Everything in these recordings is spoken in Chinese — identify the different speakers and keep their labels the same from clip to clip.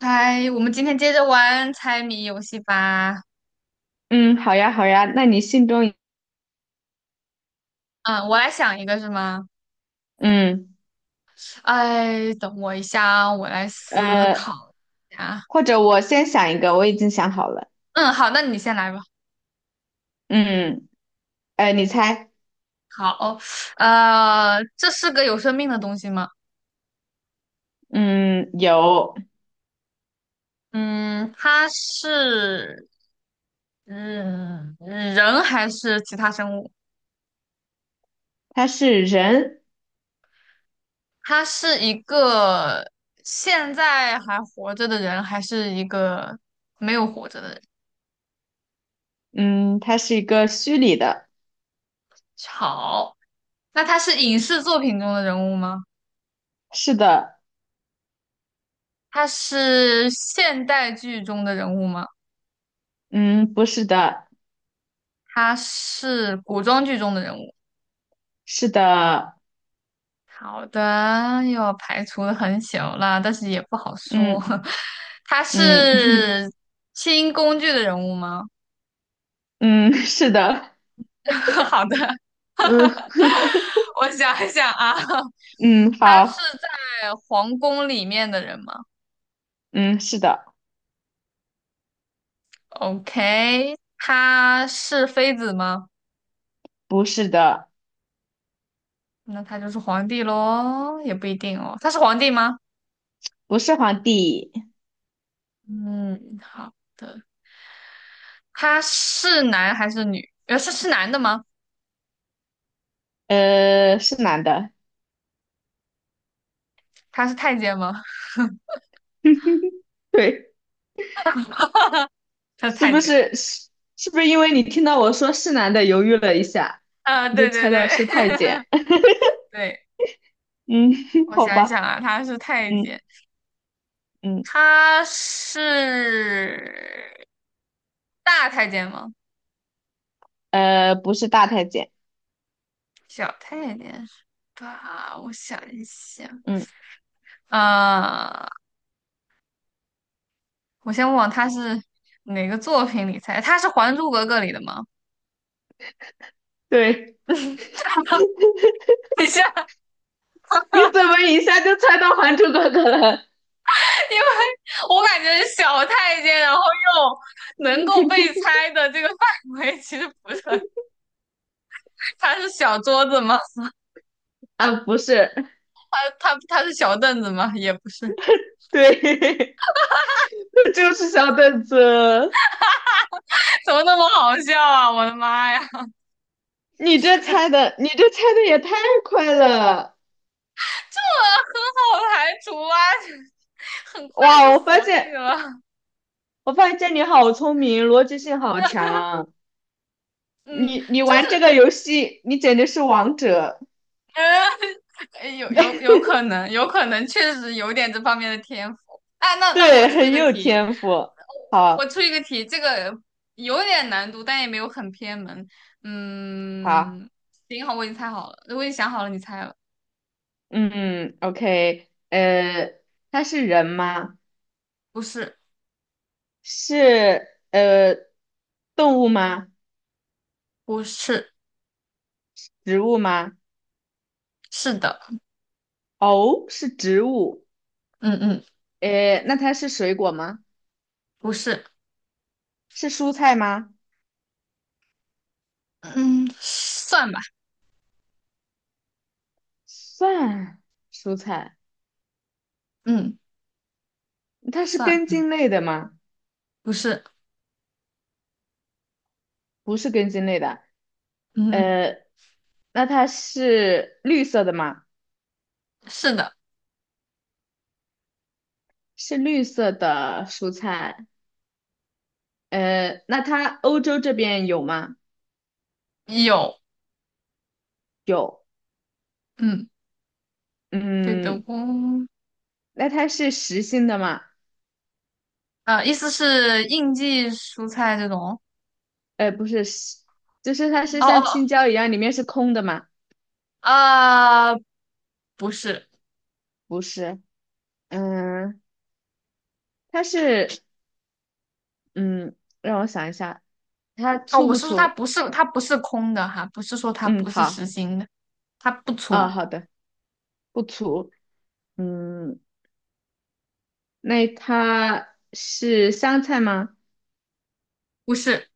Speaker 1: 嗨，我们今天接着玩猜谜游戏吧。
Speaker 2: 嗯，好呀，好呀，那你心中，
Speaker 1: 嗯，我来想一个是吗？
Speaker 2: 嗯，
Speaker 1: 哎，等我一下啊，我来思
Speaker 2: 呃，
Speaker 1: 考一下。
Speaker 2: 或者我先想一个，我已经想好了，
Speaker 1: 嗯，好，那你先来吧。
Speaker 2: 嗯，你猜，
Speaker 1: 好，这是个有生命的东西吗？
Speaker 2: 嗯，有，
Speaker 1: 嗯，它是嗯人还是其他生物？
Speaker 2: 他是人，
Speaker 1: 它是一个现在还活着的人，还是一个没有活着的人？
Speaker 2: 嗯，他是一个虚拟的，
Speaker 1: 好，那他是影视作品中的人物吗？
Speaker 2: 是的，
Speaker 1: 他是现代剧中的人物吗？
Speaker 2: 嗯，不是的，
Speaker 1: 他是古装剧中的人物。
Speaker 2: 是的，
Speaker 1: 好的，又要排除的很小了，但是也不好说。
Speaker 2: 嗯
Speaker 1: 他
Speaker 2: 嗯
Speaker 1: 是清宫剧的人物吗？
Speaker 2: 嗯，是的，
Speaker 1: 好的，
Speaker 2: 嗯
Speaker 1: 我想一想啊，
Speaker 2: 嗯，
Speaker 1: 他
Speaker 2: 好，
Speaker 1: 是在皇宫里面的人吗
Speaker 2: 嗯，是的，
Speaker 1: ？OK，他是妃子吗？
Speaker 2: 不是的，
Speaker 1: 那他就是皇帝喽，也不一定哦。他是皇帝吗？
Speaker 2: 不是皇帝，
Speaker 1: 嗯，好的。他是男还是女？是男的吗？
Speaker 2: 是男的，
Speaker 1: 他是太监吗？
Speaker 2: 对。
Speaker 1: 他是
Speaker 2: 是
Speaker 1: 太
Speaker 2: 不
Speaker 1: 监
Speaker 2: 是是是不是因为你听到我说是男的，犹豫了一下，
Speaker 1: 啊，
Speaker 2: 你就
Speaker 1: 对对
Speaker 2: 猜
Speaker 1: 对，
Speaker 2: 到是太 监？
Speaker 1: 对，
Speaker 2: 嗯，
Speaker 1: 我
Speaker 2: 好
Speaker 1: 想一想
Speaker 2: 吧，
Speaker 1: 啊，他是太
Speaker 2: 嗯
Speaker 1: 监，
Speaker 2: 嗯，
Speaker 1: 他是大太监吗？
Speaker 2: 不是大太监，
Speaker 1: 小太监是吧？我想一想，
Speaker 2: 嗯，
Speaker 1: 啊，我先问他是哪个作品里猜？他是《还珠格格》里的吗？
Speaker 2: 对，
Speaker 1: 等一下，因
Speaker 2: 你怎么一下就猜到《还珠格格》了？
Speaker 1: 为我感觉小太监，然后又能够被猜的这个范围其实不是很他是小桌子吗？
Speaker 2: 啊，不是，
Speaker 1: 他是小凳子吗？也不是，
Speaker 2: 对，那就是小凳子。
Speaker 1: 怎么那么好笑啊！我的妈呀，这很好
Speaker 2: 你这猜的，也太快了！
Speaker 1: 排除啊，很快
Speaker 2: 哇，
Speaker 1: 就锁定了。
Speaker 2: 我发现你好聪明，逻辑性好强。
Speaker 1: 嗯，
Speaker 2: 你
Speaker 1: 就
Speaker 2: 玩这
Speaker 1: 是
Speaker 2: 个游戏，你简直是王者。
Speaker 1: 嗯，有 可能，有可能确实有点这方面的天赋。哎，那 那我
Speaker 2: 对，
Speaker 1: 出一
Speaker 2: 很
Speaker 1: 个
Speaker 2: 有
Speaker 1: 题，
Speaker 2: 天赋。
Speaker 1: 我
Speaker 2: 好，
Speaker 1: 出一个题，这个有点难度，但也没有很偏门。
Speaker 2: 好，
Speaker 1: 嗯，行，好，我已经猜好了，我已经想好了，你猜了，
Speaker 2: 嗯，OK,它是人吗？
Speaker 1: 不是，
Speaker 2: 是呃动物吗？
Speaker 1: 不是，
Speaker 2: 植物吗？
Speaker 1: 是的。
Speaker 2: 哦，是植物。
Speaker 1: 嗯嗯，
Speaker 2: 那它是水果吗？
Speaker 1: 不是，
Speaker 2: 是蔬菜吗？
Speaker 1: 嗯，算吧，
Speaker 2: 算蔬菜。
Speaker 1: 嗯，
Speaker 2: 它是
Speaker 1: 算，
Speaker 2: 根茎类的吗？
Speaker 1: 不是，
Speaker 2: 不是根茎类的。
Speaker 1: 嗯，
Speaker 2: 呃，那它是绿色的吗？
Speaker 1: 是的，
Speaker 2: 是绿色的蔬菜。那它欧洲这边有吗？
Speaker 1: 有，
Speaker 2: 有。
Speaker 1: 嗯，对的，
Speaker 2: 嗯，
Speaker 1: 工，
Speaker 2: 那它是实心的吗？
Speaker 1: 意思是应季蔬菜这种，
Speaker 2: 不是，就是它是
Speaker 1: 哦
Speaker 2: 像
Speaker 1: 哦，
Speaker 2: 青椒一样，里面是空的吗？
Speaker 1: 啊、呃不是，
Speaker 2: 不是，嗯，它是，嗯，让我想一下，它
Speaker 1: 哦，
Speaker 2: 粗
Speaker 1: 我
Speaker 2: 不
Speaker 1: 是说它
Speaker 2: 粗？
Speaker 1: 不是，它不是空的哈，不是说它
Speaker 2: 嗯，
Speaker 1: 不是实
Speaker 2: 好，
Speaker 1: 心的，它不
Speaker 2: 啊，
Speaker 1: 粗，
Speaker 2: 好的，不粗。嗯，那它是香菜吗？
Speaker 1: 不是，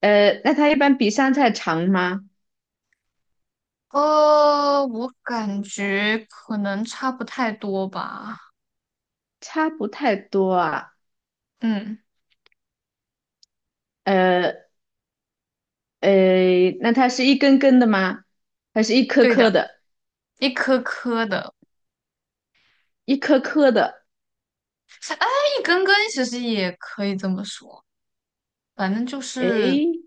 Speaker 2: 那它一般比香菜长吗？
Speaker 1: 我感觉可能差不太多吧，
Speaker 2: 差不太多啊。
Speaker 1: 嗯，
Speaker 2: 呃，那它是一根根的吗？还是一颗
Speaker 1: 对
Speaker 2: 颗
Speaker 1: 的，
Speaker 2: 的？
Speaker 1: 一颗颗的。
Speaker 2: 一颗颗的。
Speaker 1: 哎，一根根其实也可以这么说，反正就是，
Speaker 2: 诶，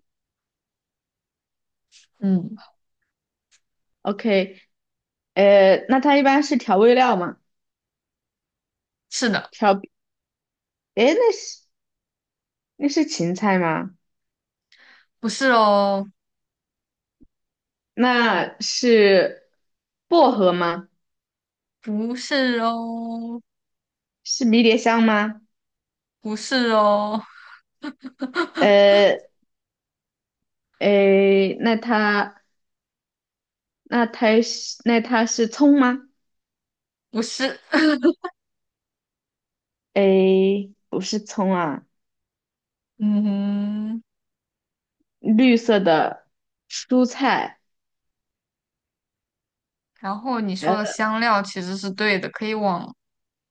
Speaker 1: 嗯，
Speaker 2: OK,那它一般是调味料吗？
Speaker 1: 是的，
Speaker 2: 调，诶，那是芹菜吗？
Speaker 1: 不是哦，
Speaker 2: 那是薄荷吗？
Speaker 1: 不是哦，
Speaker 2: 是迷迭香吗？
Speaker 1: 不是哦，
Speaker 2: 呃，诶，那它是葱吗？
Speaker 1: 不是，
Speaker 2: 诶，不是葱啊，
Speaker 1: 嗯，
Speaker 2: 绿色的蔬菜，
Speaker 1: 然后你
Speaker 2: 呃，
Speaker 1: 说的香料其实是对的，可以往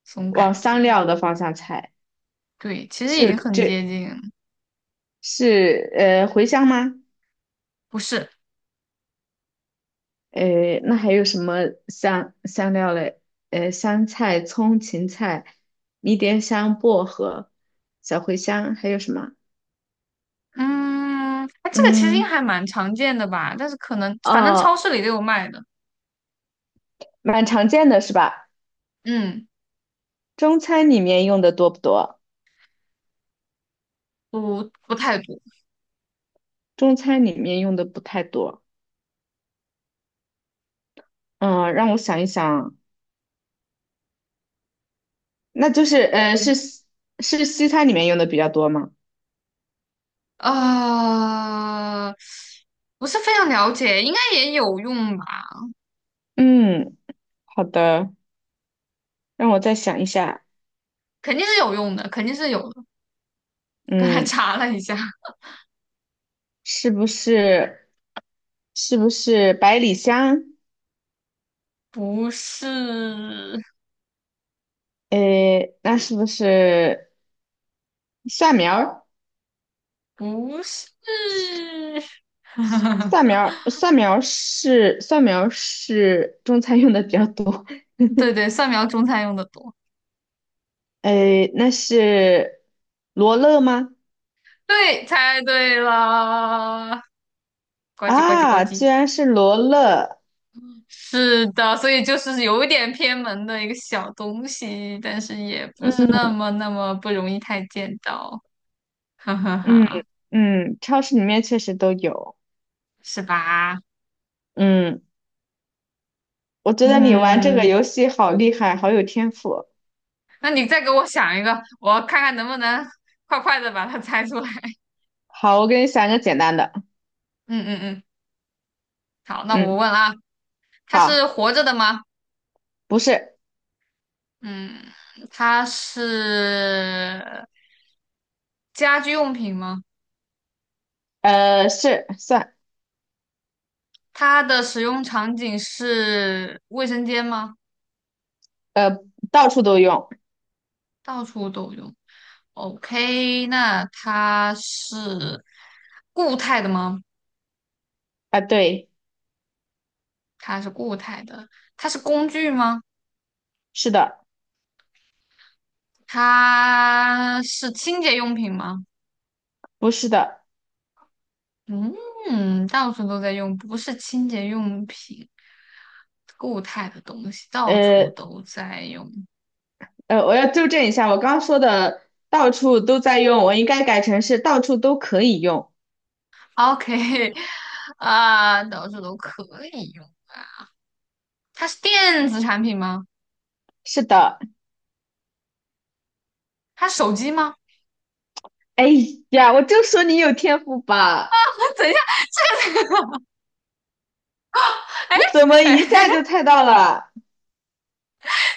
Speaker 1: 这种
Speaker 2: 往
Speaker 1: 感
Speaker 2: 香
Speaker 1: 觉，
Speaker 2: 料的方向猜，
Speaker 1: 对，其实
Speaker 2: 就
Speaker 1: 已经很接
Speaker 2: 这
Speaker 1: 近，
Speaker 2: 是茴香吗？
Speaker 1: 不是，
Speaker 2: 诶，那还有什么香料嘞？香菜、葱、芹菜、迷迭香、薄荷、小茴香，还有什么？
Speaker 1: 嗯，哎，这个其实应该
Speaker 2: 嗯，
Speaker 1: 还蛮常见的吧，但是可能反正超
Speaker 2: 哦，
Speaker 1: 市里都有卖的，
Speaker 2: 蛮常见的是吧？
Speaker 1: 嗯，
Speaker 2: 中餐里面用的多不多？
Speaker 1: 不太多，
Speaker 2: 中餐里面用的不太多。嗯，让我想一想，那就是
Speaker 1: 嗯
Speaker 2: 是西餐里面用的比较多吗？
Speaker 1: 啊，不是非常了解，应该也有用吧？
Speaker 2: 嗯，好的，让我再想一下。
Speaker 1: 肯定是有用的，肯定是有的刚才
Speaker 2: 嗯，
Speaker 1: 查了一下，
Speaker 2: 是不是是不是百里香？
Speaker 1: 不是，
Speaker 2: 诶，那是不是蒜苗儿？
Speaker 1: 不是，
Speaker 2: 蒜苗 儿，蒜苗儿是中餐用的比较多。
Speaker 1: 对对，蒜苗中餐用的多。
Speaker 2: 诶，那是罗勒吗？
Speaker 1: 对，猜对了，呱唧呱唧呱
Speaker 2: 啊，居
Speaker 1: 唧。
Speaker 2: 然是罗勒。
Speaker 1: 是的，所以就是有一点偏门的一个小东西，但是也不是那么那么不容易太见到，哈哈
Speaker 2: 嗯
Speaker 1: 哈，
Speaker 2: 嗯，超市里面确实都有。
Speaker 1: 是吧？
Speaker 2: 嗯，我觉得你玩这个
Speaker 1: 嗯。
Speaker 2: 游戏好厉害，好有天赋。
Speaker 1: 那你再给我想一个，我看看能不能快快的把它猜出来。
Speaker 2: 好，我给你想一个简单的。
Speaker 1: 嗯嗯嗯，好，那我
Speaker 2: 嗯，
Speaker 1: 问了啊，它是
Speaker 2: 好，
Speaker 1: 活着的吗？
Speaker 2: 不是，
Speaker 1: 嗯，它是家居用品吗？
Speaker 2: 是蒜，
Speaker 1: 它的使用场景是卫生间吗？
Speaker 2: 呃，到处都用。
Speaker 1: 到处都用。OK，那它是固态的吗？
Speaker 2: 啊，对，
Speaker 1: 它是固态的，它是工具吗？
Speaker 2: 是的，
Speaker 1: 它是清洁用品吗？
Speaker 2: 不是的。
Speaker 1: 嗯，到处都在用，不是清洁用品，固态的东西到处
Speaker 2: 呃
Speaker 1: 都在用。
Speaker 2: 我要纠正一下，我刚刚说的到处都在用，我应该改成是到处都可以用。
Speaker 1: OK，啊，到处都可以用。啊。它是电子产品吗？
Speaker 2: 是的，
Speaker 1: 它是手机吗？
Speaker 2: 哎呀，我就说你有天赋吧，
Speaker 1: 等一下，哎
Speaker 2: 你怎么
Speaker 1: 哎，
Speaker 2: 一 下就猜到了？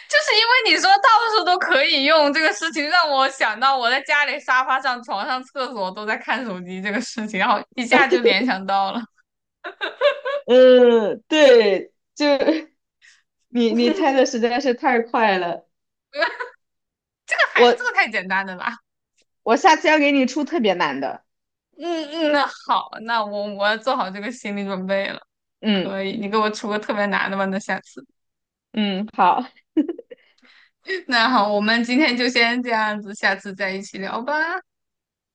Speaker 1: 就是因为你说到处都可以用这个事情，让我想到我在家里沙发上、床上、厕所都在看手机这个事情，然后一下就联想到了。
Speaker 2: 对，就 你你猜的实在是太快了，
Speaker 1: 这个还这
Speaker 2: 我
Speaker 1: 个太简单了吧？
Speaker 2: 我下次要给你出特别难的。
Speaker 1: 嗯嗯，那好，那我要做好这个心理准备了。
Speaker 2: 嗯
Speaker 1: 可以，你给我出个特别难的吧，那下次。
Speaker 2: 嗯，好，
Speaker 1: 那好，我们今天就先这样子，下次再一起聊吧。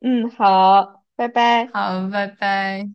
Speaker 2: 嗯好，拜拜。
Speaker 1: 好，拜拜。